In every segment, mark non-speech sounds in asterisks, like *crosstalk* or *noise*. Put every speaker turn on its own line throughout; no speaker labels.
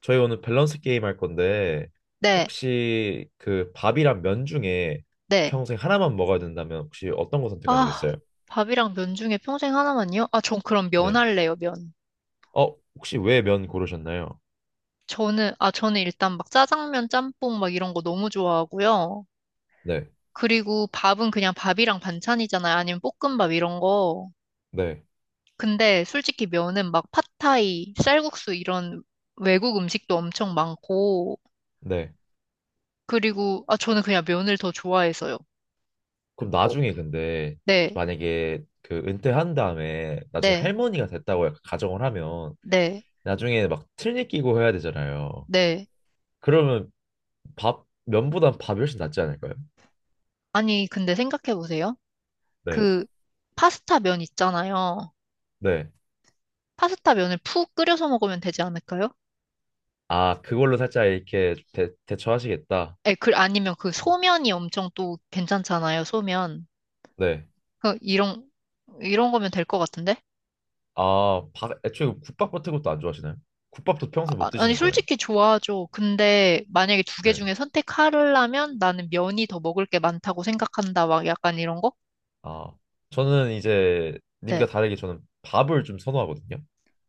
저희 오늘 밸런스 게임 할 건데
네,
혹시 그 밥이랑 면 중에
네.
평생 하나만 먹어야 된다면 혹시 어떤 거
아,
선택하시겠어요?
밥이랑 면 중에 평생 하나만요? 아, 전 그럼 면
네.
할래요, 면.
혹시 왜 면 고르셨나요?
저는 일단 막 짜장면, 짬뽕 막 이런 거 너무 좋아하고요.
네.
그리고 밥은 그냥 밥이랑 반찬이잖아요. 아니면 볶음밥 이런 거.
네.
근데 솔직히 면은 막 팟타이, 쌀국수 이런 외국 음식도 엄청 많고.
네.
그리고, 아, 저는 그냥 면을 더 좋아해서요.
그럼
어,
나중에 근데
네,
만약에 그 은퇴한 다음에 나중에
네,
할머니가 됐다고 약간 가정을 하면
네,
나중에 막 틀니 끼고 해야 되잖아요.
네.
그러면 밥 면보단 밥이 훨씬 낫지 않을까요?
아니, 근데 생각해보세요.
네.
그, 파스타 면 있잖아요.
네.
파스타 면을 푹 끓여서 먹으면 되지 않을까요?
아, 그걸로 살짝 이렇게 대처하시겠다.
에, 그, 아니면 그
어,
소면이 엄청 또 괜찮잖아요, 소면.
네.
그, 이런 거면 될 것 같은데?
애초에 그 국밥 같은 것도 안 좋아하시나요? 국밥도 평소에 못
아, 아니,
드시는 거예요.
솔직히 좋아하죠. 근데 만약에 두 개
네.
중에 선택하려면 나는 면이 더 먹을 게 많다고 생각한다, 막 약간 이런 거?
아, 저는 이제 님과
네.
다르게 저는 밥을 좀 선호하거든요.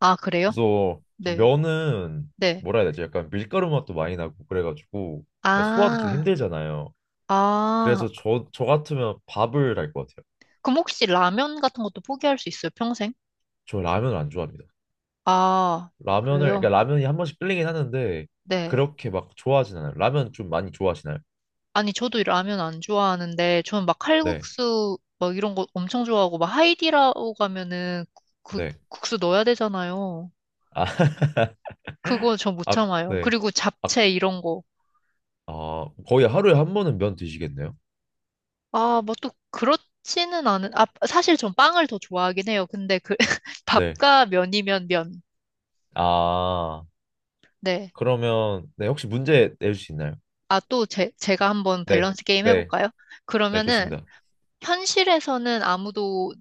아, 그래요?
그래서 좀
네.
면은
네.
뭐라 해야 되지? 약간 밀가루 맛도 많이 나고 그래가지고 그러니까 소화도 좀
아,
힘들잖아요.
아.
그래서 저 같으면 밥을 할 것 같아요.
그럼 혹시 라면 같은 것도 포기할 수 있어요, 평생?
저 라면을 안 좋아합니다.
아,
라면을, 그러니까
그래요?
라면이 한 번씩 끌리긴 하는데
네.
그렇게 막 좋아하진 않아요. 라면 좀 많이 좋아하시나요?
아니, 저도 라면 안 좋아하는데, 저는 막
네,
칼국수, 막 이런 거 엄청 좋아하고, 막 하이디라고 가면은 그
네.
국수 넣어야 되잖아요.
아, *laughs*
그거 저 못
아,
참아요.
네.
그리고
아,
잡채 이런 거.
거의 하루에 한 번은 면 드시겠네요?
아, 뭐 또 그렇지는 않은, 아, 사실 전 빵을 더 좋아하긴 해요. 근데 그, *laughs*
네.
밥과 면이면 면.
아,
네.
그러면, 네, 혹시 문제 내줄 수 있나요?
아, 또 제가 한번
네,
밸런스 게임
네,
해볼까요?
네,
그러면은,
좋습니다.
현실에서는 아무도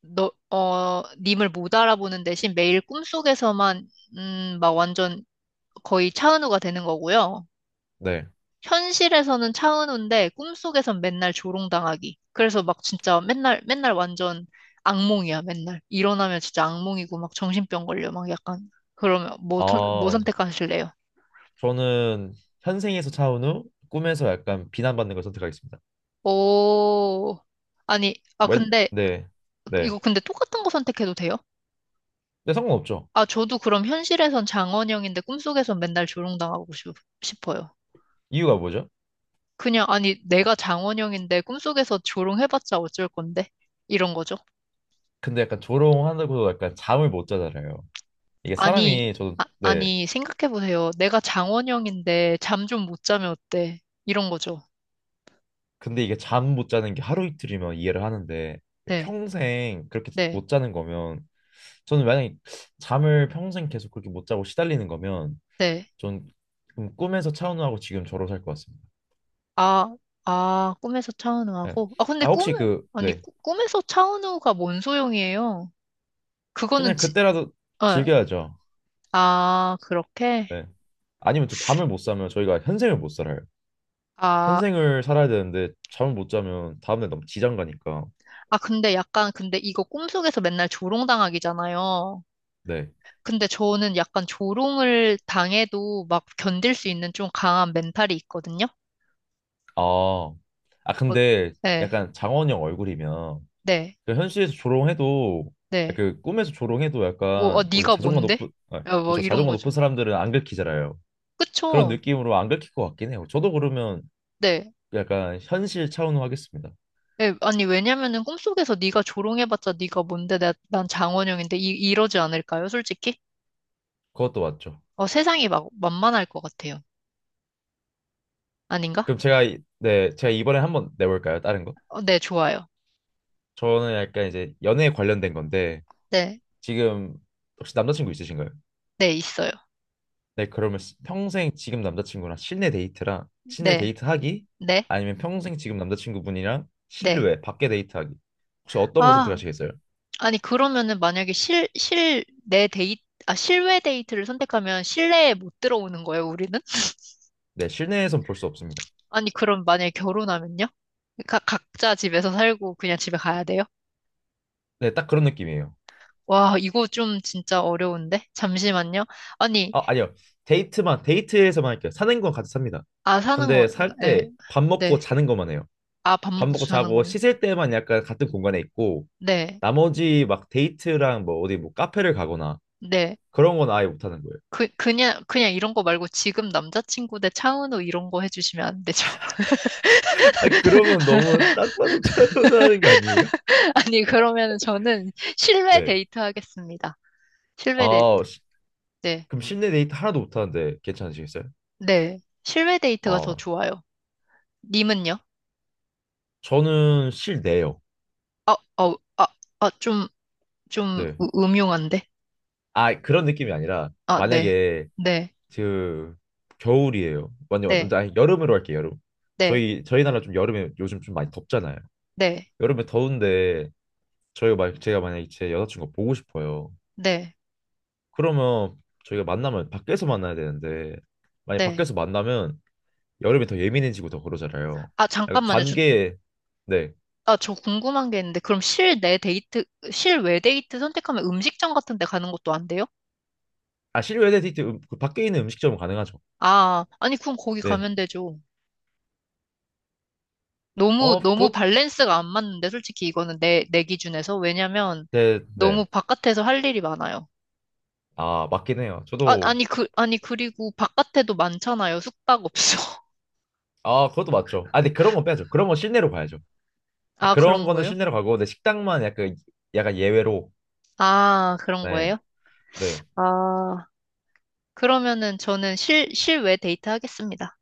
님을 못 알아보는 대신 매일 꿈속에서만, 막 완전 거의 차은우가 되는 거고요.
네.
현실에서는 차은우인데 꿈속에선 맨날 조롱당하기. 그래서 막 진짜 맨날, 맨날 완전 악몽이야, 맨날. 일어나면 진짜 악몽이고 막 정신병 걸려, 막 약간. 그러면 뭐, 뭐
아,
선택하실래요?
저는 현생에서 차은 후 꿈에서 약간 비난받는 걸 선택하겠습니다.
오, 아니, 아, 근데,
네, 네.
이거 근데 똑같은 거 선택해도 돼요?
근데 상관없죠.
아, 저도 그럼 현실에선 장원영인데 꿈속에선 맨날 조롱당하고 싶어요.
이유가 뭐죠?
그냥, 아니, 내가 장원영인데 꿈속에서 조롱해봤자 어쩔 건데? 이런 거죠.
근데 약간 조롱하고 약간 잠을 못 자잖아요. 이게
아니,
사람이 저도,
아,
네,
아니, 생각해보세요. 내가 장원영인데 잠 좀 못 자면 어때? 이런 거죠.
근데 이게 잠 못 자는 게 하루 이틀이면 이해를 하는데
네,
평생 그렇게
네,
못 자는 거면 저는 만약에 잠을 평생 계속 그렇게 못 자고 시달리는 거면
네.
전는 꿈에서 차은우하고 지금 저로 살 것 같습니다.
아, 아, 꿈에서
네.
차은우하고. 아, 근데
아
꿈,
혹시 그
아니,
네.
꿈에서 차은우가 뭔 소용이에요? 그거는
그냥
지,
그때라도
어,
즐겨야죠.
아, 그렇게?
네. 아니면 또 잠을 못 자면 저희가 현생을 못 살아요.
아,
현생을 살아야 되는데 잠을 못 자면 다음날 너무 지장 가니까.
아, 근데 약간, 근데 이거 꿈속에서 맨날 조롱당하기잖아요.
네.
근데 저는 약간 조롱을 당해도 막 견딜 수 있는 좀 강한 멘탈이 있거든요.
아. 아
어,
근데
네,
약간 장원영 얼굴이면
네,
그 현실에서 조롱해도 아,
네.
그 꿈에서 조롱해도
어, 어,
약간 원래
네가
자존감
뭔데?
높은 아,
야, 뭐
그렇죠
이런
자존감 높은
거죠.
사람들은 안 긁히잖아요. 그런
그쵸?
느낌으로 안 긁힐 것 같긴 해요. 저도 그러면
네.
약간 현실 차원으로 하겠습니다.
네, 아니, 왜냐면은 꿈속에서 네가 조롱해봤자 네가 뭔데? 난 장원영인데 이러지 않을까요, 솔직히?
그것도 맞죠.
어, 세상이 막 만만할 것 같아요. 아닌가?
그럼 제가 네 제가 이번에 한번 내볼까요? 다른 거?
어, 네, 좋아요.
저는 약간 이제 연애에 관련된 건데
네,
지금 혹시 남자친구 있으신가요?
네, 있어요.
네, 그러면 평생 지금 남자친구랑 실내 데이트랑 실내
네,
데이트 하기
네,
아니면 평생 지금 남자친구분이랑
네.
실외 밖에 데이트 하기 혹시 어떤 거
아.
선택하시겠어요?
아니, 그러면은 만약에 실내 데이트, 아, 실외 데이트를 선택하면 실내에 못 들어오는 거예요, 우리는?
네, 실내에선 볼 수 없습니다.
아니, 그럼 만약에 결혼하면요? 각자 집에서 살고 그냥 집에 가야 돼요?
네, 딱 그런 느낌이에요.
와, 이거 좀 진짜 어려운데? 잠시만요. 아니,
아, 아니요. 데이트만 데이트에서만 할게요. 사는 건 같이 삽니다.
아, 사는 거,
근데 살
네,
때 밥 먹고
네.
자는 것만 해요.
아, 밥
밥
먹고
먹고
자는
자고
거는?
씻을 때만 약간 같은 공간에 있고
네,
나머지 막 데이트랑 뭐 어디 뭐 카페를 가거나
네.
그런 건 아예 못 하는 거예요.
그, 그냥, 그냥 이런 거 말고 지금 남자친구 대 차은우 이런 거 해주시면 안 되죠?
*laughs* 아, 그러면 너무 딱 봐도 *laughs* 차분하는 거 아니에요?
*laughs* 아니, 그러면은 저는 실외
네.
데이트 하겠습니다. 실외
아,
데이트.
그럼 실내 데이트 하나도 못하는데 괜찮으시겠어요?
네. 실외 데이트가 더
아,
좋아요. 님은요?
저는 실내요.
어, 어, 아, 아, 좀
네.
음흉한데?
아, 그런 느낌이 아니라
아, 네.
만약에
네.
그 겨울이에요. 완전 완전
네.
아니, 여름으로 할게요. 여름.
네.
저희 나라 좀 여름에 요즘 좀 많이 덥잖아요.
네.
여름에 더운데 저희가 막 제가 만약에 제 여자친구 보고 싶어요.
네.
그러면 저희가 만나면 밖에서 만나야 되는데 만약
네.
밖에서 만나면 여름에 더 예민해지고 더 그러잖아요.
아,
약간
잠깐만요. 저,
관계 네
아, 저 궁금한 게 있는데, 그럼 실내 데이트, 실외 데이트 선택하면 음식점 같은 데 가는 것도 안 돼요?
아, 실외 데이트 그 밖에 있는 음식점은 가능하죠.
아, 아니, 그럼 거기
네.
가면 되죠. 너무, 너무
그것
밸런스가 안 맞는데, 솔직히 이거는 내 기준에서. 왜냐면
네,
너무
네.
바깥에서 할 일이 많아요.
아, 맞긴 해요.
아,
저도
아니, 그, 아니, 그리고 바깥에도 많잖아요. 숙박업소. *laughs*
아, 그것도 맞죠. 아, 근데 그런 건 빼야죠. 그런 건 실내로 가야죠. 아,
아,
그런
그런
거는
거예요?
실내로 가고 근데 식당만 약간 예외로
아, 그런
네.
거예요?
네.
아, 그러면은 저는 실외 데이트 하겠습니다.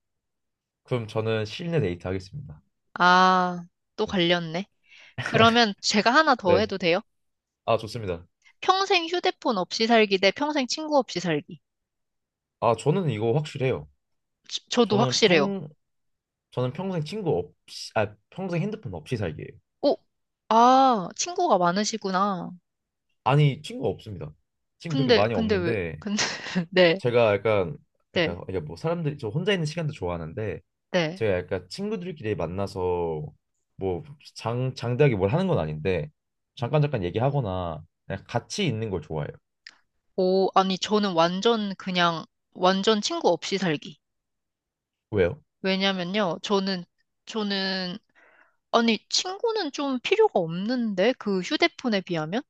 그럼 저는 실내 데이트 하겠습니다.
아, 또
네.
갈렸네. 그러면 제가 하나 더
네.
해도 돼요?
아, 좋습니다.
평생 휴대폰 없이 살기 대 평생 친구 없이 살기.
아, 저는 이거 확실해요.
저도
저는
확실해요.
평 저는 평생 친구 없이 아, 평생 핸드폰 없이 살기예요.
오, 아, 친구가 많으시구나.
아니, 친구 없습니다. 친구 그렇게
근데,
많이
근데 왜,
없는데
근데, *laughs* 네,
제가 약간
네,
약간 이게 뭐 사람들이 저 혼자 있는 시간도 좋아하는데
네.
제가 약간 친구들끼리 만나서 뭐 장 장대하게 뭘 하는 건 아닌데 잠깐 잠깐 얘기하거나 그냥 같이 있는 걸 좋아해요.
오, 아니, 저는 완전 그냥, 완전 친구 없이 살기.
왜요?
왜냐면요, 저는, 아니, 친구는 좀 필요가 없는데, 그 휴대폰에 비하면?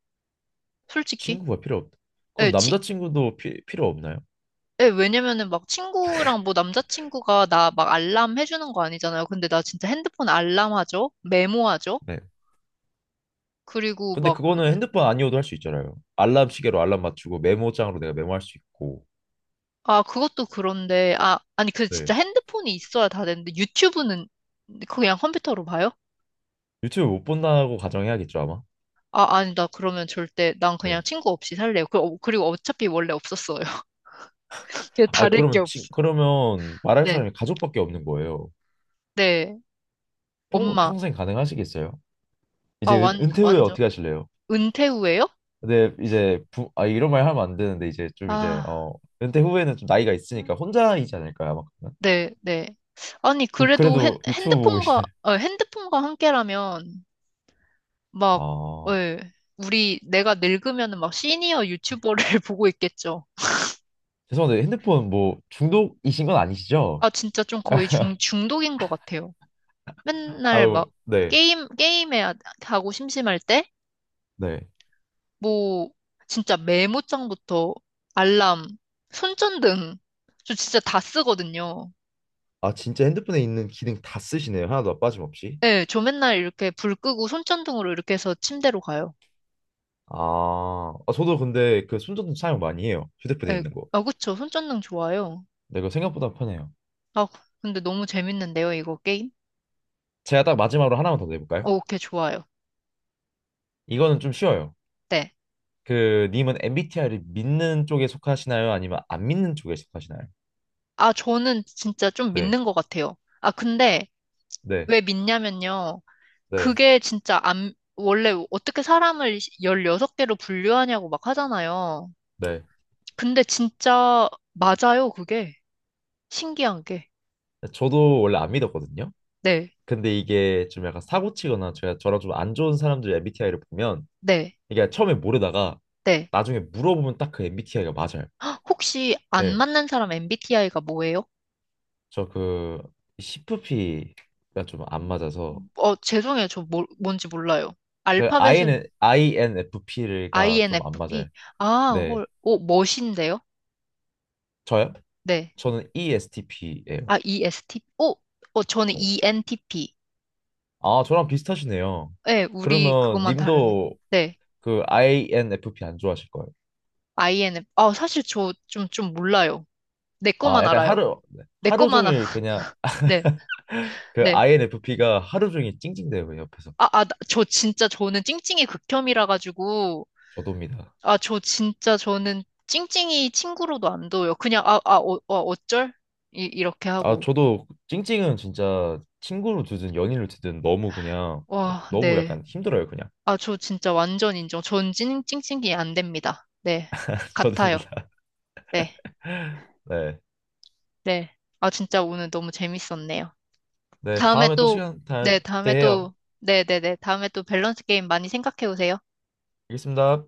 솔직히?
친구가 필요 없다.
예,
그럼
치,
남자친구도 필요 없나요?
예, 왜냐면은 막 친구랑 뭐 남자친구가 나 막 알람 해주는 거 아니잖아요. 근데 나 진짜 핸드폰 알람하죠? 메모하죠?
네.
그리고
근데
막,
그거는 핸드폰 아니어도 할 수 있잖아요. 알람 시계로 알람 맞추고 메모장으로 내가 메모할 수 있고.
아, 그것도 그런데, 아, 아니, 그 진짜
네.
핸드폰이 있어야 다 되는데, 유튜브는 그냥 컴퓨터로 봐요?
유튜브 못 본다고 가정해야겠죠, 아마.
아, 아니, 나 그러면 절대, 난 그냥
네.
친구 없이 살래요. 그, 어, 그리고 어차피 원래 없었어요. *laughs* 그냥
아,
다를 게 없어.
그러면 말할
네.
사람이 가족밖에 없는 거예요.
네.
평,
엄마.
평생 가능하시겠어요?
아,
이제 은,
완,
은퇴 후에
완전.
어떻게 하실래요?
은퇴 후에요?
근데 이제 아 이런 말 하면 안 되는데 이제 좀 이제
아,
은퇴 후에는 좀 나이가 있으니까 혼자이지 않을까요? 아마 그러면?
네, 네. 아니,
그럼
그래도
그래도 유튜브 보고 계시나요?
핸드폰과 함께라면, 막,
아
예, 우리, 내가 늙으면은 막 시니어 유튜버를 *laughs* 보고 있겠죠.
죄송한데 핸드폰 뭐 중독이신 건 아니시죠?
아, 진짜 좀 거의 중독인 것 같아요. 맨날
아유
막,
네
게임에 하고 심심할 때,
네.
뭐, 진짜 메모장부터 알람, 손전등, 저 진짜 다 쓰거든요.
아 진짜 핸드폰에 있는 기능 다 쓰시네요. 하나도 빠짐없이.
네, 저 맨날 이렇게 불 끄고 손전등으로 이렇게 해서 침대로 가요.
저도 근데 그 손전등 사용 많이 해요. 휴대폰에
네,
있는 거.
아, 그쵸. 손전등 좋아요.
근데 그거 생각보다 편해요.
아, 근데 너무 재밌는데요, 이거 게임?
제가 딱 마지막으로 하나만 더 내볼까요?
어, 오케이, 좋아요.
이거는 좀 쉬워요.
네.
그 님은 MBTI를 믿는 쪽에 속하시나요? 아니면 안 믿는 쪽에 속하시나요?
아, 저는 진짜 좀
네,
믿는 것 같아요. 아, 근데
네,
왜 믿냐면요.
네,
그게 진짜 안, 원래 어떻게 사람을 16개로 분류하냐고 막 하잖아요.
네.
근데 진짜 맞아요, 그게. 신기한 게.
저도 원래 안 믿었거든요.
네,
근데 이게 좀 약간 사고치거나 제가 저랑 좀 안 좋은 사람들 MBTI를 보면
네,
이게 처음에 모르다가
네.
나중에 물어보면 딱 그 MBTI가 맞아요.
혹시 안
네,
맞는 사람 MBTI가 뭐예요?
저그 CFP가 좀 안 맞아서
어, 죄송해요. 저 뭐, 뭔지 몰라요.
그
알파벳은
INFP가 좀 안
INFP.
맞아요.
아,
네,
헐. 오, 멋인데요?
저요?
네.
저는
아,
ESTP예요.
ESTP. 오, 어, 저는 ENTP.
아, 저랑 비슷하시네요.
네, 우리
그러면
그것만 다르네.
님도
네.
그 INFP 안 좋아하실 거예요.
INF. 아, 사실 저 좀, 몰라요 내
아,
것만
약간
알아요.
하루 네.
내
하루
것만, 아,
종일
*laughs*
그냥
네,
그
네.
INFP가 하루 종일 찡찡대요, 그 옆에서.
아, 아, 저 진짜 저는 찡찡이 극혐이라 가지고,
저도입니다.
아, 저 진짜 저는 찡찡이 친구로도 안 둬요. 그냥, 아, 아, 어, 어, 어쩔? 이렇게
아,
하고.
저도 찡찡은 진짜 친구로 두든 연인으로 두든 너무 그냥
와,
너무
네.
약간 힘들어요, 그냥.
아, 저 진짜 완전 인정. 전 찡찡이 안 됩니다. 네.
*laughs*
같아요.
저도입니다.
네.
네.
네. 아, 진짜 오늘 너무 재밌었네요.
네,
다음에
다음에 또
또,
시간 될
네,
때
다음에
해요.
또, 네네네. 다음에 또 밸런스 게임 많이 생각해 오세요.
알겠습니다.